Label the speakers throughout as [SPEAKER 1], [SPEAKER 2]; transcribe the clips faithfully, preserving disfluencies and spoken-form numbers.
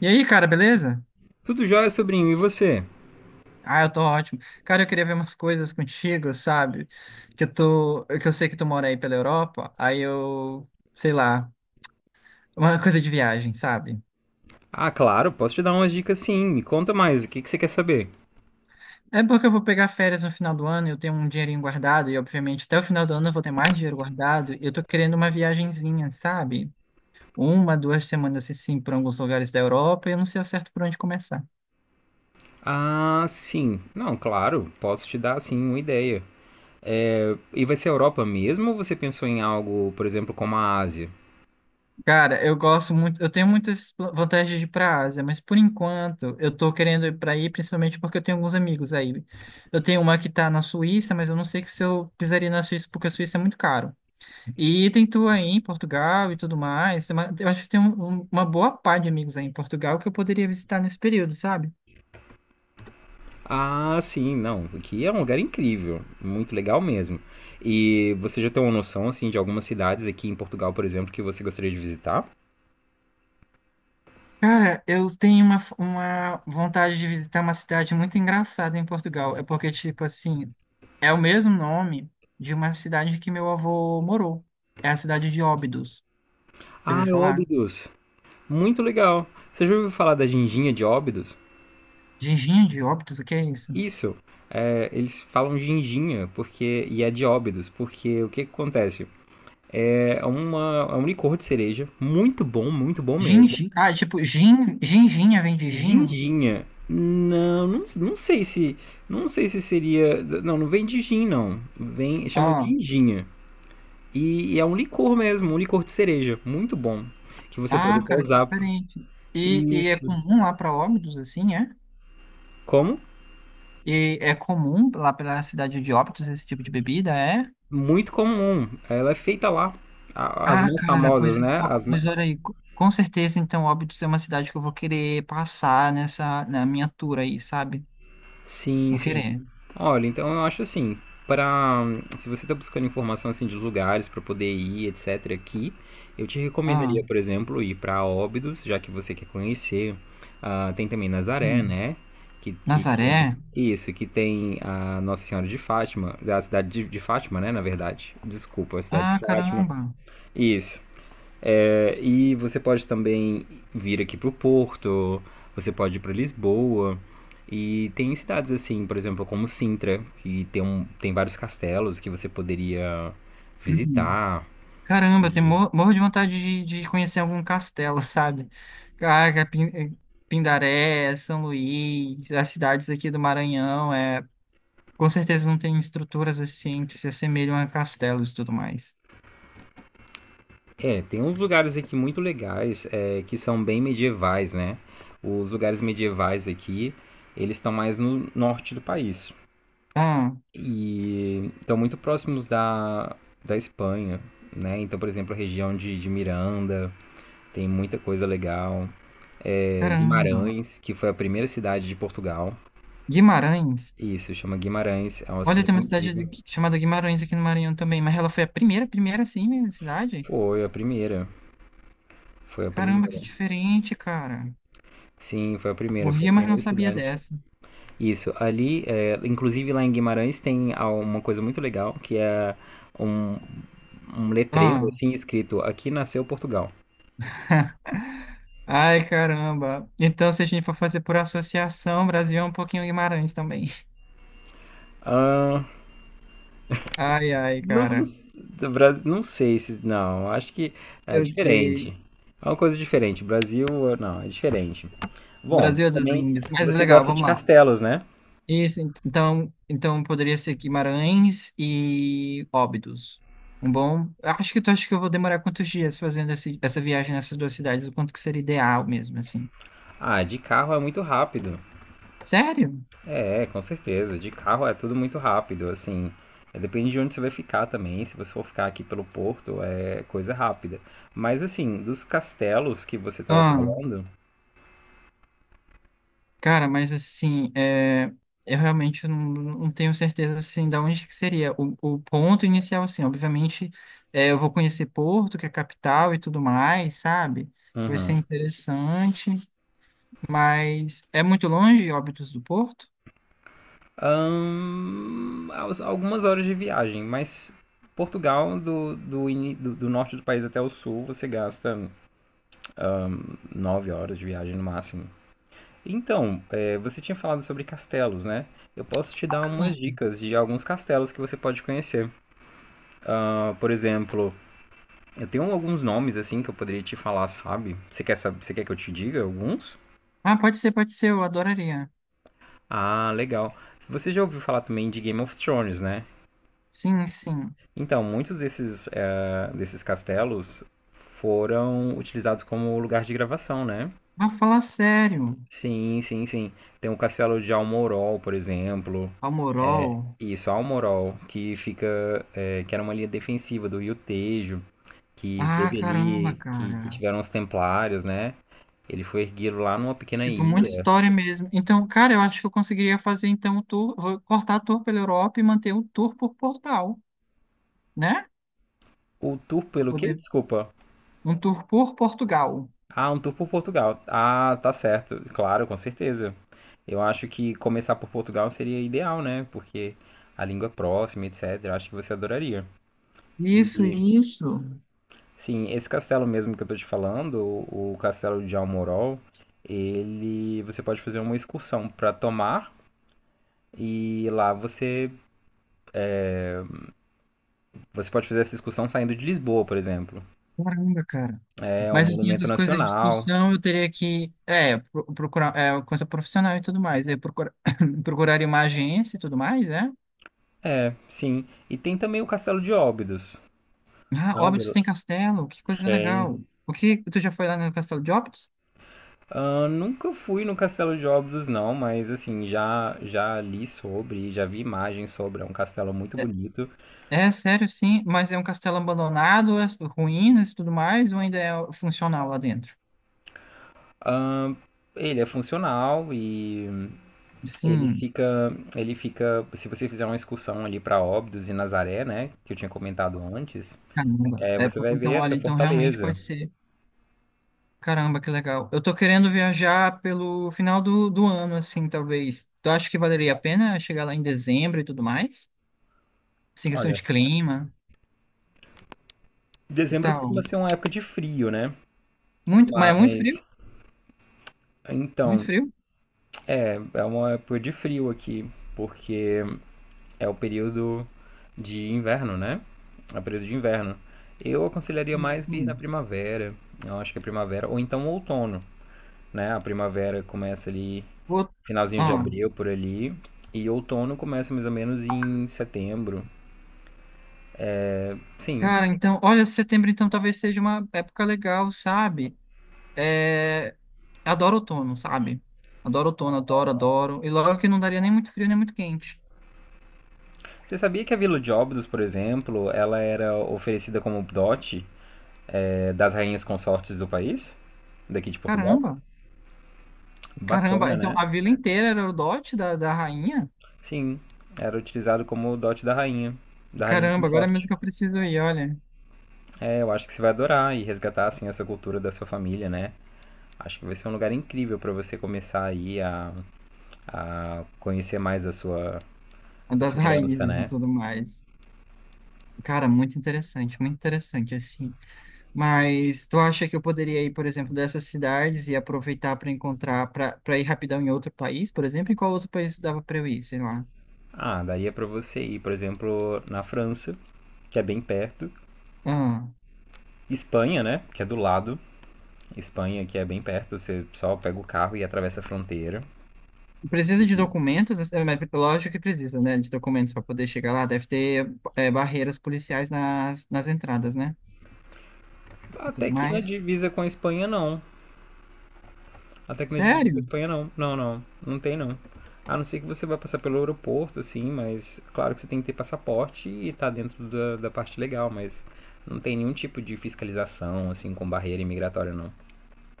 [SPEAKER 1] E aí, cara, beleza?
[SPEAKER 2] Tudo jóia, sobrinho, e você?
[SPEAKER 1] Ah, eu tô ótimo. Cara, eu queria ver umas coisas contigo, sabe? Que eu tô, que eu sei que tu mora aí pela Europa, aí eu, sei lá, uma coisa de viagem, sabe?
[SPEAKER 2] Ah, claro, posso te dar umas dicas sim. Me conta mais, o que que você quer saber?
[SPEAKER 1] É porque eu vou pegar férias no final do ano, eu tenho um dinheirinho guardado e obviamente até o final do ano eu vou ter mais dinheiro guardado, e eu tô querendo uma viagenzinha, sabe? Uma, duas semanas assim, por alguns lugares da Europa, e eu não sei ao certo por onde começar.
[SPEAKER 2] Ah, sim. Não, claro, posso te dar sim uma ideia. E vai ser a Europa mesmo ou você pensou em algo, por exemplo, como a Ásia?
[SPEAKER 1] Cara, eu gosto muito, eu tenho muitas pla- vantagens de ir para a Ásia, mas por enquanto eu tô querendo ir para aí, principalmente porque eu tenho alguns amigos aí. Eu tenho uma que tá na Suíça, mas eu não sei que se eu pisaria na Suíça, porque a Suíça é muito caro. E tem tu aí em Portugal e tudo mais. tem uma- Eu acho que tem um- um- uma boa pá de amigos aí em Portugal que eu poderia visitar nesse período, sabe?
[SPEAKER 2] Ah, sim, não. Aqui é um lugar incrível, muito legal mesmo. E você já tem uma noção assim de algumas cidades aqui em Portugal, por exemplo, que você gostaria de visitar?
[SPEAKER 1] Cara, eu tenho uma, uma vontade de visitar uma cidade muito engraçada em Portugal. É porque, tipo assim, é o mesmo nome de uma cidade que meu avô morou. É a cidade de Óbidos. Já
[SPEAKER 2] Ah,
[SPEAKER 1] ouviu
[SPEAKER 2] é
[SPEAKER 1] falar?
[SPEAKER 2] Óbidos. Muito legal. Você já ouviu falar da Ginginha de Óbidos?
[SPEAKER 1] Ginginha de Óbidos? O que é isso?
[SPEAKER 2] Isso. É, eles falam ginginha porque, e é de óbidos, porque o que, que acontece? É, uma, é um licor de cereja, muito bom, muito bom mesmo.
[SPEAKER 1] Gingi... Ah, tipo, gin... ginginha vem de gin?
[SPEAKER 2] Ginginha, não, não, não sei se, não sei se seria, não, não vem de gin, não, vem, chama
[SPEAKER 1] Ah,
[SPEAKER 2] ginginha. E, e é um licor mesmo, um licor de cereja, muito bom, que você pode
[SPEAKER 1] ah,
[SPEAKER 2] até
[SPEAKER 1] cara, que
[SPEAKER 2] usar.
[SPEAKER 1] diferente. E, e é
[SPEAKER 2] Isso,
[SPEAKER 1] comum lá para Óbidos, assim, é?
[SPEAKER 2] como?
[SPEAKER 1] E é comum lá pela cidade de Óbidos esse tipo de bebida, é?
[SPEAKER 2] Muito comum, ela é feita lá, a- as
[SPEAKER 1] Ah,
[SPEAKER 2] mais
[SPEAKER 1] cara, pois,
[SPEAKER 2] famosas, né? As, ma-
[SPEAKER 1] pois olha aí, co- com certeza então Óbidos é uma cidade que eu vou querer passar nessa, na minha tour aí, sabe?
[SPEAKER 2] Sim,
[SPEAKER 1] Vou
[SPEAKER 2] sim.
[SPEAKER 1] querer.
[SPEAKER 2] Olha, então eu acho assim, para se você está buscando informação assim de lugares para poder ir, etc, aqui, eu te recomendaria,
[SPEAKER 1] Ah,
[SPEAKER 2] por exemplo, ir para Óbidos, já que você quer conhecer. Ah, tem também Nazaré,
[SPEAKER 1] sim.
[SPEAKER 2] né? Que, que tem
[SPEAKER 1] Nazaré?
[SPEAKER 2] isso, que tem a Nossa Senhora de Fátima, da cidade de, de Fátima, né? Na verdade, desculpa, a cidade de
[SPEAKER 1] Ah,
[SPEAKER 2] Fátima.
[SPEAKER 1] caramba.
[SPEAKER 2] Isso. É, e você pode também vir aqui para o Porto, você pode ir para Lisboa. E tem cidades assim, por exemplo, como Sintra, que tem, um, tem vários castelos que você poderia
[SPEAKER 1] Uhum.
[SPEAKER 2] visitar.
[SPEAKER 1] Caramba, eu tenho,
[SPEAKER 2] E,
[SPEAKER 1] mor- morro de vontade de, de conhecer algum castelo, sabe? Caraca, Pin- eh, Pindaré, São Luís, as cidades aqui do Maranhão, é, com certeza não tem estruturas assim que se assemelham a castelos e tudo mais.
[SPEAKER 2] é, tem uns lugares aqui muito legais, é, que são bem medievais, né? Os lugares medievais aqui, eles estão mais no norte do país.
[SPEAKER 1] Ah,
[SPEAKER 2] E estão muito próximos da, da Espanha, né? Então, por exemplo, a região de, de Miranda, tem muita coisa legal. É,
[SPEAKER 1] caramba.
[SPEAKER 2] Guimarães, que foi a primeira cidade de Portugal.
[SPEAKER 1] Guimarães?
[SPEAKER 2] Isso, chama Guimarães. É uma
[SPEAKER 1] Olha, tem
[SPEAKER 2] cidade
[SPEAKER 1] uma cidade
[SPEAKER 2] incrível.
[SPEAKER 1] de- chamada Guimarães aqui no Maranhão também, mas ela foi a primeira, primeira assim, minha cidade.
[SPEAKER 2] Foi a primeira. Foi a
[SPEAKER 1] Caramba, que
[SPEAKER 2] primeira.
[SPEAKER 1] diferente, cara.
[SPEAKER 2] Sim, foi a primeira. Foi a
[SPEAKER 1] Morria, mas não
[SPEAKER 2] primeira
[SPEAKER 1] sabia
[SPEAKER 2] cidade.
[SPEAKER 1] dessa.
[SPEAKER 2] Isso, ali, é, inclusive lá em Guimarães tem ah, uma coisa muito legal, que é um, um letreiro
[SPEAKER 1] Ah,
[SPEAKER 2] assim escrito Aqui nasceu Portugal.
[SPEAKER 1] Ai, caramba. Então, se a gente for fazer por associação, Brasil é um pouquinho Guimarães também.
[SPEAKER 2] Ah,
[SPEAKER 1] Ai, ai,
[SPEAKER 2] não,
[SPEAKER 1] cara.
[SPEAKER 2] s- do Bra- não sei se. Não, acho que é
[SPEAKER 1] Eu sei.
[SPEAKER 2] diferente. É uma coisa diferente. Brasil, não, é diferente. Bom,
[SPEAKER 1] Brasil
[SPEAKER 2] mas
[SPEAKER 1] é dos
[SPEAKER 2] também
[SPEAKER 1] índios, mas é
[SPEAKER 2] você
[SPEAKER 1] legal,
[SPEAKER 2] gosta
[SPEAKER 1] vamos
[SPEAKER 2] de
[SPEAKER 1] lá.
[SPEAKER 2] castelos, né?
[SPEAKER 1] Isso, en- então, então poderia ser Guimarães e Óbidos. Um bom. Acho que tu acha que eu vou demorar quantos dias fazendo esse- essa viagem nessas duas cidades? O quanto que seria ideal mesmo, assim?
[SPEAKER 2] Ah, de carro é muito rápido.
[SPEAKER 1] Sério?
[SPEAKER 2] É, com certeza. De carro é tudo muito rápido. Assim, é, depende de onde você vai ficar também. Se você for ficar aqui pelo Porto, é coisa rápida. Mas assim, dos castelos que você estava
[SPEAKER 1] Ah,
[SPEAKER 2] falando,
[SPEAKER 1] cara, mas assim, é, eu realmente não, não tenho certeza assim da onde que seria o, o ponto inicial, assim. Obviamente, é, eu vou conhecer Porto, que é a capital e tudo mais, sabe? Vai ser
[SPEAKER 2] uhum,
[SPEAKER 1] interessante, mas é muito longe, Óbidos do Porto?
[SPEAKER 2] ahn, aos- algumas horas de viagem. Mas Portugal, do, do, ini- do, do norte do país até o sul, você gasta nove horas de viagem no máximo. Então, é, você tinha falado sobre castelos, né? Eu posso te dar umas
[SPEAKER 1] Hum.
[SPEAKER 2] dicas de alguns castelos que você pode conhecer. Ah, por exemplo, eu tenho alguns nomes assim que eu poderia te falar, sabe? Você quer saber, você quer que eu te diga alguns?
[SPEAKER 1] Ah, pode ser, pode ser, eu adoraria.
[SPEAKER 2] Ah, legal. Você já ouviu falar também de Game of Thrones, né?
[SPEAKER 1] Sim, sim.
[SPEAKER 2] Então, muitos desses, eh, desses castelos foram utilizados como lugar de gravação, né?
[SPEAKER 1] Ah, fala sério.
[SPEAKER 2] Sim, sim, sim. Tem o castelo de Almorol, por exemplo.
[SPEAKER 1] Palmorol.
[SPEAKER 2] É, isso, Almorol, que fica, é, que era uma linha defensiva do Iltejo, que
[SPEAKER 1] Ah,
[SPEAKER 2] teve
[SPEAKER 1] caramba,
[SPEAKER 2] ali, que, que
[SPEAKER 1] cara.
[SPEAKER 2] tiveram os Templários, né? Ele foi erguido lá numa pequena
[SPEAKER 1] Tipo, muita
[SPEAKER 2] ilha.
[SPEAKER 1] história mesmo. Então, cara, eu acho que eu conseguiria fazer então o tour. Vou cortar a tour pela Europa e manter um tour por Portugal, né?
[SPEAKER 2] O tour
[SPEAKER 1] Pra
[SPEAKER 2] pelo quê?
[SPEAKER 1] poder.
[SPEAKER 2] Desculpa.
[SPEAKER 1] Um tour por Portugal.
[SPEAKER 2] Ah, um tour por Portugal. Ah, tá certo. Claro, com certeza. Eu acho que começar por Portugal seria ideal, né? Porque a língua é próxima, et cetera Acho que você adoraria.
[SPEAKER 1] Isso,
[SPEAKER 2] E
[SPEAKER 1] isso.
[SPEAKER 2] sim, esse castelo mesmo que eu tô te falando, o, o castelo de Almorol, ele você pode fazer uma excursão para Tomar e lá você você pode fazer essa excursão saindo de Lisboa, por exemplo.
[SPEAKER 1] Caramba, cara.
[SPEAKER 2] É um
[SPEAKER 1] Mas assim,
[SPEAKER 2] monumento
[SPEAKER 1] essas coisas de
[SPEAKER 2] nacional.
[SPEAKER 1] discussão eu teria que é, pro- procurar é, coisa profissional e tudo mais. Eu procurar, procuraria uma agência e tudo mais, é?
[SPEAKER 2] É, sim. E tem também o Castelo de Óbidos,
[SPEAKER 1] Ah,
[SPEAKER 2] sabe?
[SPEAKER 1] Óbidos tem castelo, que coisa
[SPEAKER 2] Tem.
[SPEAKER 1] legal. O que, tu já foi lá no castelo de Óbidos?
[SPEAKER 2] Ah, nunca fui no Castelo de Óbidos não, mas assim, já já li sobre, já vi imagens sobre, é um castelo muito
[SPEAKER 1] É,
[SPEAKER 2] bonito.
[SPEAKER 1] é sério, sim, mas é um castelo abandonado, as ruínas e tudo mais, ou ainda é funcional lá dentro?
[SPEAKER 2] Ah, ele é funcional e ele
[SPEAKER 1] Sim,
[SPEAKER 2] fica, ele fica, se você fizer uma excursão ali para Óbidos e Nazaré, né, que eu tinha comentado antes,
[SPEAKER 1] caramba.
[SPEAKER 2] é,
[SPEAKER 1] É
[SPEAKER 2] você
[SPEAKER 1] porque,
[SPEAKER 2] vai ver
[SPEAKER 1] então, olha,
[SPEAKER 2] essa
[SPEAKER 1] então realmente
[SPEAKER 2] fortaleza.
[SPEAKER 1] pode ser. Caramba, que legal. Eu tô querendo viajar pelo final do, do ano, assim, talvez. Tu acha que valeria a pena chegar lá em dezembro e tudo mais? Sem questão
[SPEAKER 2] Olha,
[SPEAKER 1] de clima, que
[SPEAKER 2] dezembro costuma
[SPEAKER 1] tal?
[SPEAKER 2] ser uma época de frio, né?
[SPEAKER 1] Muito, mas é muito
[SPEAKER 2] Mas
[SPEAKER 1] frio? Muito
[SPEAKER 2] então,
[SPEAKER 1] frio?
[SPEAKER 2] é uma época de frio aqui, porque é o período de inverno, né? É o período de inverno. Eu aconselharia mais vir na
[SPEAKER 1] Sim.
[SPEAKER 2] primavera. Eu acho que é primavera ou então outono, né? A primavera começa ali
[SPEAKER 1] Vou...
[SPEAKER 2] finalzinho de
[SPEAKER 1] ó.
[SPEAKER 2] abril por ali. E outono começa mais ou menos em setembro. Sim.
[SPEAKER 1] Cara, então, olha, setembro então talvez seja uma época legal, sabe? É, adoro outono, sabe? Adoro outono, adoro, adoro. E logo que não daria nem muito frio, nem muito quente.
[SPEAKER 2] Você sabia que a Vila de Óbidos, por exemplo, ela era oferecida como dote eh, das rainhas consortes do país? Daqui de Portugal?
[SPEAKER 1] Caramba, caramba.
[SPEAKER 2] Bacana,
[SPEAKER 1] Então,
[SPEAKER 2] né?
[SPEAKER 1] a vila inteira era o dote da, da rainha?
[SPEAKER 2] Sim. Era utilizado como dote da rainha. Da rainha
[SPEAKER 1] Caramba, agora é mesmo
[SPEAKER 2] consorte.
[SPEAKER 1] que eu preciso ir, olha.
[SPEAKER 2] É, eu acho que você vai adorar e resgatar, assim, essa cultura da sua família, né? Acho que vai ser um lugar incrível para você começar aí a, a conhecer mais da sua, da
[SPEAKER 1] Das
[SPEAKER 2] sua herança,
[SPEAKER 1] raízes e
[SPEAKER 2] né?
[SPEAKER 1] tudo mais. Cara, muito interessante, muito interessante, assim. Mas tu acha que eu poderia ir, por exemplo, dessas cidades e aproveitar para encontrar, para para ir rapidão em outro país, por exemplo? Em qual outro país dava para eu ir, sei lá?
[SPEAKER 2] Ah, daí é pra você ir, por exemplo, na França, que é bem perto.
[SPEAKER 1] Ah,
[SPEAKER 2] Espanha, né? Que é do lado. Espanha, que é bem perto. Você só pega o carro e atravessa a fronteira.
[SPEAKER 1] precisa de
[SPEAKER 2] E-
[SPEAKER 1] documentos, né? Mas lógico que precisa, né? De documentos para poder chegar lá. Deve ter é, barreiras policiais nas, nas entradas, né? E
[SPEAKER 2] Até
[SPEAKER 1] tudo
[SPEAKER 2] que na
[SPEAKER 1] mais.
[SPEAKER 2] divisa com a Espanha, não. Até que na divisa com a
[SPEAKER 1] Sério?
[SPEAKER 2] Espanha, não. Não, não. Não tem, não. A não ser que você vai passar pelo aeroporto, assim, mas claro que você tem que ter passaporte e tá dentro da, da parte legal, mas não tem nenhum tipo de fiscalização, assim, com barreira imigratória, não.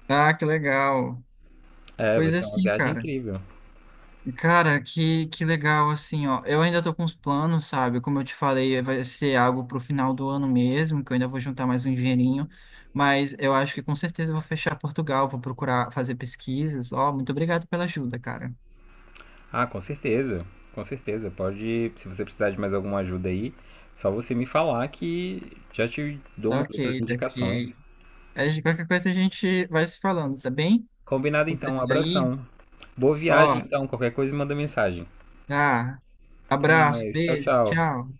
[SPEAKER 1] Ah, que legal.
[SPEAKER 2] É, vai
[SPEAKER 1] Pois
[SPEAKER 2] ser uma
[SPEAKER 1] assim,
[SPEAKER 2] viagem
[SPEAKER 1] cara.
[SPEAKER 2] incrível.
[SPEAKER 1] Cara, que, que legal, assim, ó. Eu ainda tô com os planos, sabe? Como eu te falei, vai ser algo pro final do ano mesmo, que eu ainda vou juntar mais um dinheirinho. Mas eu acho que com certeza eu vou fechar Portugal, vou procurar fazer pesquisas. Ó, muito obrigado pela ajuda, cara.
[SPEAKER 2] Ah, com certeza, com certeza. Pode, se você precisar de mais alguma ajuda aí, só você me falar que já te dou
[SPEAKER 1] Tá
[SPEAKER 2] umas outras
[SPEAKER 1] ok, tá ok.
[SPEAKER 2] indicações.
[SPEAKER 1] Aí, de qualquer coisa a gente vai se falando, tá bem?
[SPEAKER 2] Combinado
[SPEAKER 1] Vou
[SPEAKER 2] então, um
[SPEAKER 1] precisar ir.
[SPEAKER 2] abração. Boa viagem
[SPEAKER 1] Ó,
[SPEAKER 2] então, qualquer coisa manda mensagem.
[SPEAKER 1] tá.
[SPEAKER 2] Até
[SPEAKER 1] Abraço,
[SPEAKER 2] mais, tchau,
[SPEAKER 1] beijo,
[SPEAKER 2] tchau.
[SPEAKER 1] tchau.